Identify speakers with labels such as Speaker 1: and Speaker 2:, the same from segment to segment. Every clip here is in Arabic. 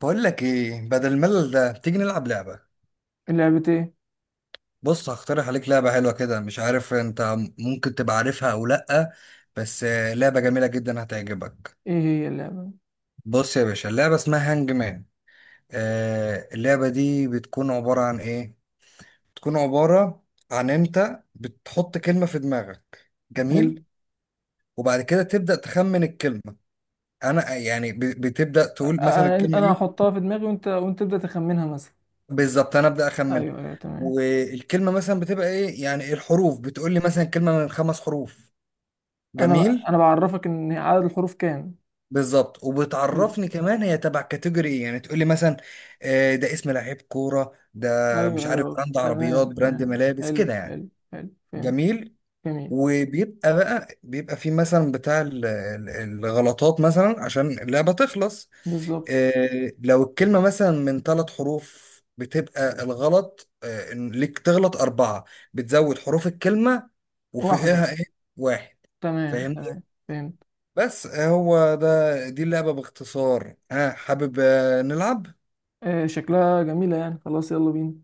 Speaker 1: بقول لك ايه بدل الملل ده، تيجي نلعب لعبة.
Speaker 2: لعبة ايه؟
Speaker 1: بص، هقترح عليك لعبة حلوة كده. مش عارف انت ممكن تبقى عارفها او لأ. بس لعبة جميلة جدا هتعجبك.
Speaker 2: ايه هي اللعبة؟
Speaker 1: بص يا باشا، اللعبة اسمها هانج مان. آه، اللعبة دي بتكون عبارة عن ايه. بتكون عبارة عن انت بتحط كلمة في دماغك.
Speaker 2: حلو.
Speaker 1: جميل. وبعد كده تبدأ تخمن الكلمة. انا يعني بتبدأ
Speaker 2: أ- أ-
Speaker 1: تقول مثلا الكلمة
Speaker 2: انا
Speaker 1: ايه.
Speaker 2: هحطها في دماغي وانت تبدأ تخمنها مثلا.
Speaker 1: بالظبط انا ابدا اخمن.
Speaker 2: ايوه، ايوه، تمام.
Speaker 1: والكلمه مثلا بتبقى ايه، يعني الحروف بتقول لي مثلا كلمه من خمس حروف.
Speaker 2: انا ب-
Speaker 1: جميل.
Speaker 2: انا بعرفك ان عدد الحروف كام.
Speaker 1: بالظبط،
Speaker 2: حلو.
Speaker 1: وبتعرفني كمان هي تبع كاتيجوري ايه، يعني تقول لي مثلا ده اسم لعيب كوره ده. مش
Speaker 2: ايوه،
Speaker 1: عارف،
Speaker 2: ايوه،
Speaker 1: براند عربيات،
Speaker 2: تمام،
Speaker 1: براند
Speaker 2: تمام،
Speaker 1: ملابس
Speaker 2: حلو،
Speaker 1: كده يعني.
Speaker 2: حلو، حلو. فهمت.
Speaker 1: جميل.
Speaker 2: جميل.
Speaker 1: وبيبقى بيبقى في مثلا بتاع الغلطات مثلا عشان اللعبه تخلص.
Speaker 2: بالظبط.
Speaker 1: لو الكلمة مثلا من ثلاث حروف بتبقى الغلط إن ليك تغلط أربعة. بتزود حروف الكلمة
Speaker 2: واحدة.
Speaker 1: وفوقها إيه. واحد.
Speaker 2: تمام،
Speaker 1: فاهمني.
Speaker 2: تمام. فهمت.
Speaker 1: بس هو ده، دي اللعبة باختصار. ها حابب نلعب؟
Speaker 2: آه، شكلها جميلة يعني. خلاص، يلا بينا.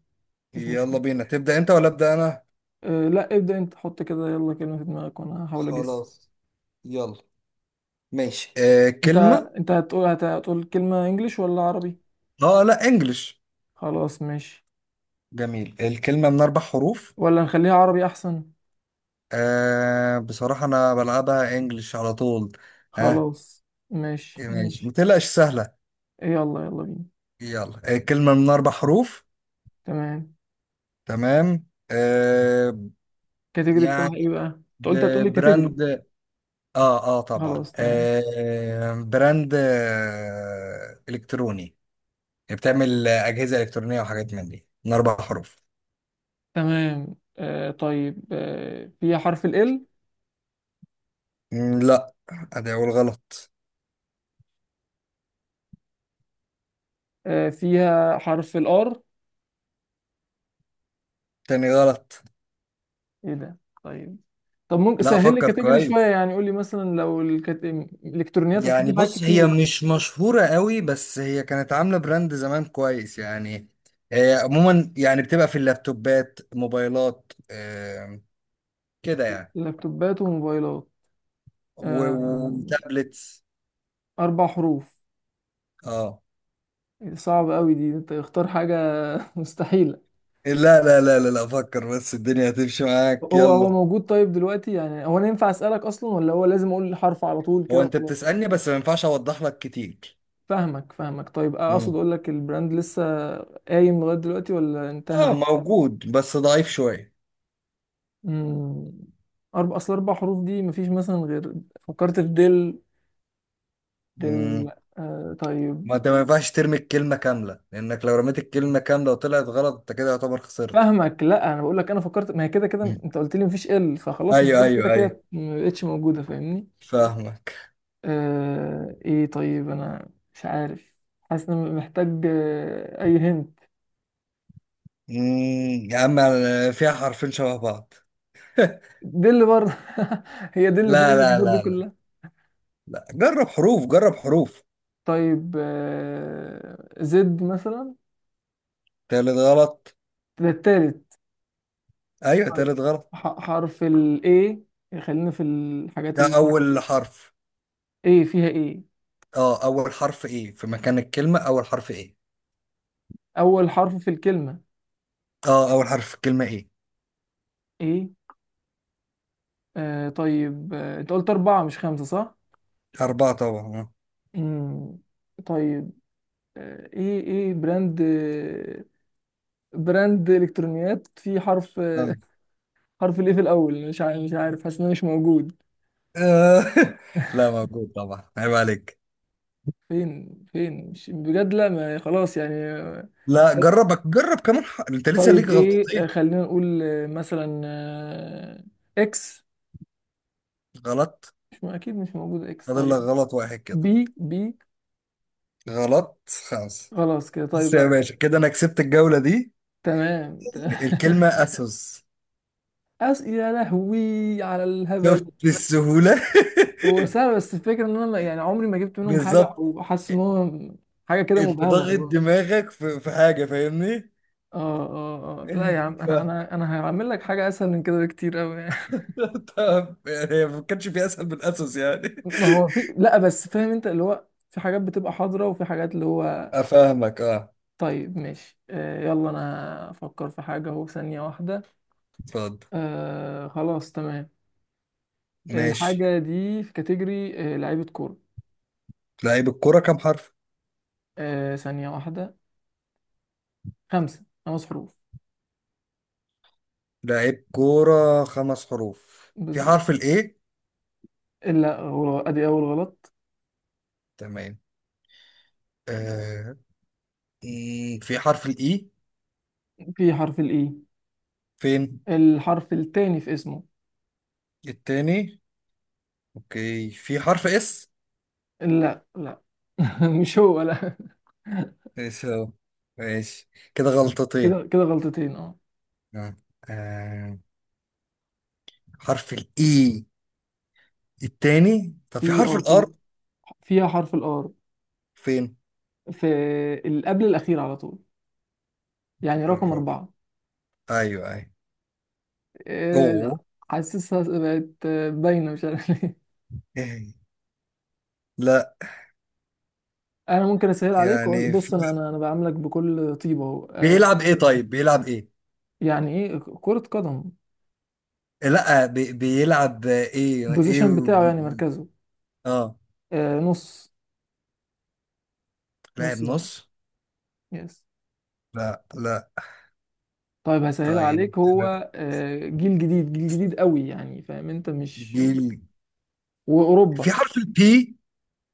Speaker 2: مفيش
Speaker 1: يلا
Speaker 2: مشكلة.
Speaker 1: بينا. تبدأ أنت ولا أبدأ أنا؟
Speaker 2: آه، لا، ابدأ انت، حط كده يلا كلمة في دماغك وانا هحاول اجس.
Speaker 1: خلاص. يلا. ماشي
Speaker 2: انت
Speaker 1: كلمة.
Speaker 2: هتقول كلمة انجليش ولا عربي؟
Speaker 1: اه لا، انجلش.
Speaker 2: خلاص، ماشي.
Speaker 1: جميل، الكلمة من أربع حروف.
Speaker 2: ولا نخليها عربي احسن؟
Speaker 1: آه بصراحة أنا بلعبها انجلش على طول. ها.
Speaker 2: خلاص، ماشي،
Speaker 1: آه ماشي، ما
Speaker 2: ماشي،
Speaker 1: تقلقش سهلة.
Speaker 2: يلا، يلا بينا.
Speaker 1: يلا كلمة من أربع حروف.
Speaker 2: تمام.
Speaker 1: تمام. آه.
Speaker 2: الكاتيجوري بتاعها
Speaker 1: يعني
Speaker 2: ايه بقى؟ انت قلت هتقولي الكاتيجوري.
Speaker 1: براند. اه اه طبعا،
Speaker 2: خلاص، تمام.
Speaker 1: آه براند آه إلكتروني. يعني بتعمل أجهزة إلكترونية وحاجات من دي، من أربع حروف.
Speaker 2: تمام. آه، طيب. فيها حرف ال L.
Speaker 1: مم، لا. أدي أول غلط.
Speaker 2: فيها حرف الار.
Speaker 1: تاني غلط.
Speaker 2: ايه ده؟ طيب، طب ممكن
Speaker 1: لا
Speaker 2: سهل لي
Speaker 1: فكر
Speaker 2: كاتيجوري شويه،
Speaker 1: كويس.
Speaker 2: يعني قول لي مثلا لو الالكترونيات، اصل
Speaker 1: يعني
Speaker 2: في حاجات
Speaker 1: بص، هي
Speaker 2: كتير.
Speaker 1: مش مشهورة قوي بس هي كانت عاملة براند زمان كويس يعني. آه عموما يعني بتبقى في اللابتوبات، موبايلات آه، كده يعني.
Speaker 2: لابتوبات وموبايلات،
Speaker 1: و-
Speaker 2: آه،
Speaker 1: وتابلتس.
Speaker 2: اربع حروف.
Speaker 1: اه.
Speaker 2: صعب قوي دي، انت اختار حاجه. مستحيله.
Speaker 1: لا لا لا لا، لا فكر بس الدنيا هتمشي معاك.
Speaker 2: هو
Speaker 1: يلا.
Speaker 2: موجود. طيب دلوقتي يعني، هو انا ينفع اسالك اصلا ولا هو لازم اقول الحرف على طول
Speaker 1: هو
Speaker 2: كده
Speaker 1: انت
Speaker 2: وخلاص؟
Speaker 1: بتسألني بس ما ينفعش اوضح لك كتير.
Speaker 2: فاهمك، فاهمك. طيب، اقصد
Speaker 1: مم.
Speaker 2: اقول لك البراند لسه قايم لغايه دلوقتي ولا
Speaker 1: اه،
Speaker 2: انتهى؟
Speaker 1: موجود بس ضعيف شوية.
Speaker 2: امم اربع، اصل اربع حروف دي مفيش مثلا غير. فكرت في دل. دل.
Speaker 1: مم.
Speaker 2: آه، طيب.
Speaker 1: ما انت ما ينفعش ترمي الكلمة كاملة، لانك لو رميت الكلمة كاملة وطلعت غلط، انت كده يعتبر خسرت.
Speaker 2: فاهمك. لا، انا بقول لك انا فكرت، ما هي كده كده
Speaker 1: مم.
Speaker 2: انت قلت لي مفيش ال، فخلاص
Speaker 1: ايوه
Speaker 2: الدل كده
Speaker 1: ايوه ايوه.
Speaker 2: كده ما بقتش موجوده. فاهمني؟
Speaker 1: فاهمك.
Speaker 2: آه، ايه طيب انا مش عارف. حاسس ان أنا محتاج، اي هند.
Speaker 1: مم، يا عم، فيها حرفين شبه بعض.
Speaker 2: دي اللي برضه، هي دي اللي فيها
Speaker 1: لا لا
Speaker 2: الوصفات دي
Speaker 1: لا لا،
Speaker 2: كلها.
Speaker 1: لا جرب حروف، جرب حروف.
Speaker 2: طيب، زد مثلا.
Speaker 1: تالت غلط.
Speaker 2: ده التالت.
Speaker 1: ايوه
Speaker 2: طيب،
Speaker 1: تالت غلط.
Speaker 2: حرف ال A، خلينا في الحاجات
Speaker 1: ده
Speaker 2: ال
Speaker 1: اول حرف.
Speaker 2: A فيها. A.
Speaker 1: اه اول حرف ايه في مكان الكلمة، اول حرف ايه.
Speaker 2: أول حرف في الكلمة.
Speaker 1: اه اول حرف في الكلمة ايه.
Speaker 2: A. آه، طيب. أنت قلت أربعة مش خمسة صح؟
Speaker 1: اربعة طبعا.
Speaker 2: مم. طيب. إيه، إيه، براند، براند إلكترونيات. في حرف،
Speaker 1: اه.
Speaker 2: حرف الإيه في الأول؟ مش عارف، حاسس إنه مش موجود.
Speaker 1: آه. لا موجود طبعا، عيب عليك.
Speaker 2: فين، مش بجد. لا، ما خلاص يعني.
Speaker 1: لا جربك، جرب كمان ح... انت لسه
Speaker 2: طيب
Speaker 1: ليك
Speaker 2: ايه،
Speaker 1: غلطتين.
Speaker 2: خلينا نقول مثلا اكس.
Speaker 1: غلط.
Speaker 2: مش اكيد، مش موجود اكس.
Speaker 1: فاضل لك
Speaker 2: طيب،
Speaker 1: غلط واحد كده.
Speaker 2: بي، بي.
Speaker 1: غلط. خمسة.
Speaker 2: خلاص كده.
Speaker 1: بس
Speaker 2: طيب،
Speaker 1: يا باشا، كده انا كسبت الجولة دي.
Speaker 2: تمام.
Speaker 1: الكلمة اسوس.
Speaker 2: أس؟ يا لهوي على الهبل.
Speaker 1: شفت السهولة؟
Speaker 2: هو سهل، بس الفكرة ان انا يعني عمري ما جبت منهم حاجة،
Speaker 1: بالظبط.
Speaker 2: او حاسس ان هو حاجة كده
Speaker 1: انت
Speaker 2: مبهمة، اللي
Speaker 1: ضاغط
Speaker 2: هو.
Speaker 1: دماغك في حاجة، فاهمني؟
Speaker 2: اه، اه، اه، لا يا عم. انا، هعمل لك حاجة اسهل من كده بكتير قوي.
Speaker 1: طب يعني هي ما كانش في اسهل من اسس يعني.
Speaker 2: ما هو في، لا، بس فاهم انت اللي هو، في حاجات بتبقى حاضرة وفي حاجات اللي هو.
Speaker 1: افهمك اه.
Speaker 2: طيب، ماشي. آه، يلا انا افكر في حاجة اهو، ثانية واحدة.
Speaker 1: اتفضل.
Speaker 2: آه، خلاص، تمام.
Speaker 1: ماشي.
Speaker 2: الحاجة دي في كاتيجوري، لعيبة كورة.
Speaker 1: لعيب الكوره كام حرف؟
Speaker 2: آه، ثانية واحدة. خمسة، خمس حروف.
Speaker 1: لعيب كوره خمس حروف، في
Speaker 2: بالظبط.
Speaker 1: حرف الاي؟
Speaker 2: لا، غلط. ادي اول غلط.
Speaker 1: تمام. آه. مم، في حرف الاي؟
Speaker 2: في حرف الاي.
Speaker 1: فين؟
Speaker 2: الحرف التاني في اسمه.
Speaker 1: التاني؟ اوكي، في حرف اس؟
Speaker 2: لا، لا. مش هو، لا.
Speaker 1: ماشي اهو. ماشي. كده
Speaker 2: كده
Speaker 1: غلطتين.
Speaker 2: كده غلطتين، اه.
Speaker 1: آه. آه. حرف الاي التاني. طب في
Speaker 2: في،
Speaker 1: حرف
Speaker 2: اه،
Speaker 1: الار؟
Speaker 2: في، فيها حرف الار.
Speaker 1: فين؟
Speaker 2: في، اللي قبل الاخير على طول، يعني رقم
Speaker 1: الرابع.
Speaker 2: أربعة.
Speaker 1: ايوه ايوه.
Speaker 2: إيه،
Speaker 1: اوه.
Speaker 2: حاسسها بقت باينة، مش عارف ليه.
Speaker 1: لا.
Speaker 2: أنا ممكن أسهل عليك وأقول،
Speaker 1: يعني
Speaker 2: بص،
Speaker 1: في...
Speaker 2: أنا، بعاملك بكل طيبة أهو.
Speaker 1: بيلعب ايه طيب، بيلعب ايه؟
Speaker 2: يعني إيه، كرة قدم.
Speaker 1: لا بي... بيلعب ايه ايه
Speaker 2: البوزيشن بتاعه، يعني مركزه.
Speaker 1: اه.
Speaker 2: آه، نص،
Speaker 1: لاعب
Speaker 2: نص ملعب.
Speaker 1: نص؟
Speaker 2: يس.
Speaker 1: لا لا.
Speaker 2: طيب هسهلها
Speaker 1: طيب
Speaker 2: عليك، هو، جيل جديد، جيل جديد قوي، يعني فاهم أنت مش.
Speaker 1: جيل. في
Speaker 2: وأوروبا.
Speaker 1: حرف البي؟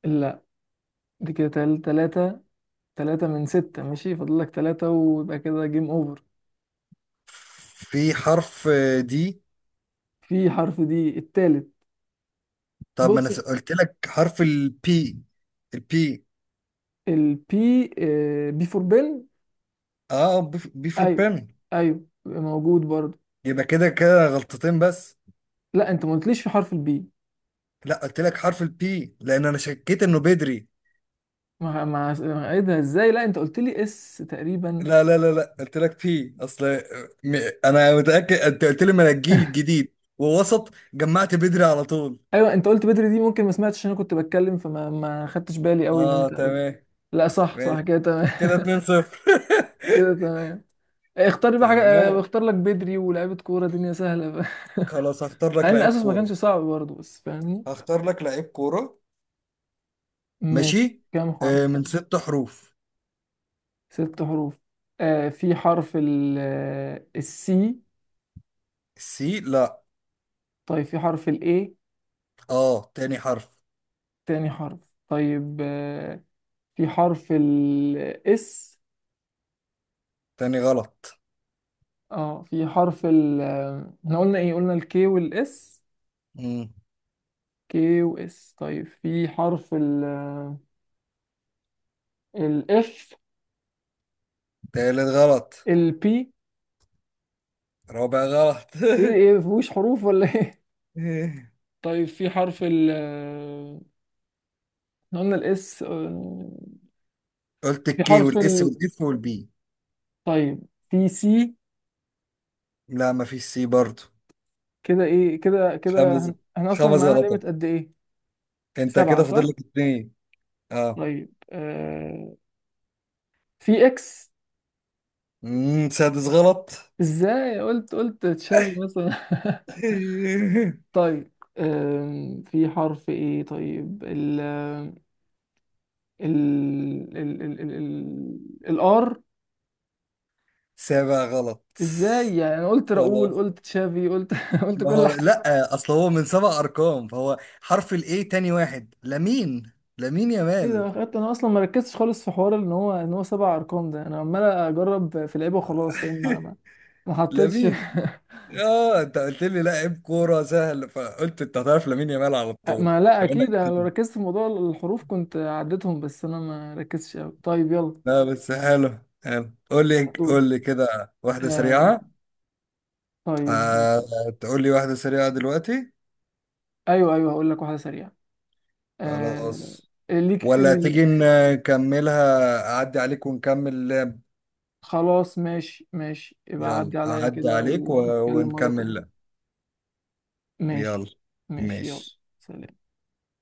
Speaker 2: لا، دي كده تلاتة. تلاتة من ستة ماشي، فاضل لك تلاتة ويبقى كده جيم أوفر.
Speaker 1: في حرف دي.
Speaker 2: في حرف دي، التالت.
Speaker 1: طب ما انا
Speaker 2: بص،
Speaker 1: قلت لك حرف البي. البي.
Speaker 2: البي، بي فور بن.
Speaker 1: اه. بي فور
Speaker 2: ايوه،
Speaker 1: بيرن.
Speaker 2: ايوه، موجود برضه.
Speaker 1: يبقى كده كده غلطتين بس.
Speaker 2: لا، انت ما قلتليش في حرف البي.
Speaker 1: لا، قلت لك حرف البي، لان انا شكيت انه بدري.
Speaker 2: ايه ده ازاي، لا انت قلت لي اس تقريبا.
Speaker 1: لا لا لا لا، قلت لك في اصل م... انا متاكد انت قلت لي من الجيل الجديد، ووسط جمعت بدري على طول.
Speaker 2: ايوه، انت قلت بدري، دي ممكن ما سمعتش عشان انا كنت بتكلم، فما ما خدتش بالي قوي ان
Speaker 1: اه
Speaker 2: انت قلت.
Speaker 1: تمام.
Speaker 2: لا، صح، صح،
Speaker 1: ماشي.
Speaker 2: كده تمام.
Speaker 1: كده 2 0
Speaker 2: كده تمام. اختار لي بقى حاجه، اه،
Speaker 1: تمام.
Speaker 2: اختار لك بدري ولاعيبه كوره، دنيا سهله بقى.
Speaker 1: خلاص هختار
Speaker 2: مع
Speaker 1: لك
Speaker 2: ان
Speaker 1: لعيب
Speaker 2: اساس ما
Speaker 1: كوره
Speaker 2: كانش صعب برضه، بس فاهمني.
Speaker 1: هختار لك لعيب كوره
Speaker 2: ماشي،
Speaker 1: ماشي.
Speaker 2: كام حرف؟
Speaker 1: آه من ست حروف.
Speaker 2: ست حروف. آه، في حرف ال السي.
Speaker 1: سي لا.
Speaker 2: طيب، في حرف ال A.
Speaker 1: اه تاني حرف.
Speaker 2: تاني حرف. طيب، في حرف ال S.
Speaker 1: تاني غلط.
Speaker 2: اه، في حرف ال، احنا قلنا ايه، قلنا ال K وال S.
Speaker 1: مم.
Speaker 2: K و S. طيب، في حرف ال، ال F.
Speaker 1: تالت غلط.
Speaker 2: ال P.
Speaker 1: رابع غلط.
Speaker 2: ايه، ايه مفيهوش حروف ولا ايه؟ طيب، في حرف ال، احنا قلنا ال S،
Speaker 1: قلت
Speaker 2: في
Speaker 1: الكي
Speaker 2: حرف
Speaker 1: والاس
Speaker 2: ال،
Speaker 1: والاف والبي.
Speaker 2: طيب، في C.
Speaker 1: لا مفيش سي برضو.
Speaker 2: كده ايه، كده كده
Speaker 1: خمس.
Speaker 2: احنا اصلا
Speaker 1: خمس
Speaker 2: معانا
Speaker 1: غلطات.
Speaker 2: ليميت قد ايه؟
Speaker 1: انت
Speaker 2: سبعة
Speaker 1: كده
Speaker 2: صح؟
Speaker 1: فاضل لك اتنين. اه.
Speaker 2: طيب، في اكس.
Speaker 1: مم، سادس غلط.
Speaker 2: ازاي؟ قلت، قلت تشافي مثلا. طيب، في حرف ايه؟ طيب، ال الار.
Speaker 1: سابع غلط.
Speaker 2: ازاي يعني، انا قلت راؤول،
Speaker 1: خلاص.
Speaker 2: قلت تشافي، قلت، قلت
Speaker 1: ما
Speaker 2: كل
Speaker 1: هو
Speaker 2: حاجه.
Speaker 1: لا اصل هو من سبع ارقام، فهو حرف الاي تاني واحد. لمين؟ لمين يا
Speaker 2: ايه
Speaker 1: مال؟
Speaker 2: ده، خدت انا اصلا ما ركزتش خالص في حوار ان هو، سبع ارقام ده. انا عمال اجرب في لعيبه وخلاص، فاهم؟ ما حطيتش.
Speaker 1: لمين؟ اه انت قلت لي لاعب كوره سهل، فقلت انت هتعرف لمين يا مال على طول.
Speaker 2: ما لا
Speaker 1: بما
Speaker 2: اكيد، انا لو
Speaker 1: إنك-
Speaker 2: ركزت في موضوع الحروف كنت عديتهم، بس انا ما ركزتش قوي. طيب يلا.
Speaker 1: لا بس حلو حلو، قول لي
Speaker 2: دور.
Speaker 1: قول لي كده واحده
Speaker 2: آه،
Speaker 1: سريعه.
Speaker 2: طيب.
Speaker 1: آه. تقول لي واحده سريعه دلوقتي؟
Speaker 2: ايوه، ايوه، هقول لك واحده سريعه. آه...
Speaker 1: خلاص.
Speaker 2: ليك في
Speaker 1: ولا
Speaker 2: ال...
Speaker 1: تيجي نكملها، أعدي عليك ونكمل اللعب؟
Speaker 2: خلاص، ماشي، ماشي، يبقى
Speaker 1: يلا
Speaker 2: عدي عليا
Speaker 1: أعدي
Speaker 2: كده
Speaker 1: عليك و...
Speaker 2: ونتكلم مره
Speaker 1: ونكمل اللعب.
Speaker 2: تانية.
Speaker 1: يلا.
Speaker 2: ماشي، ماشي، يلا.
Speaker 1: ماشي.
Speaker 2: سلام.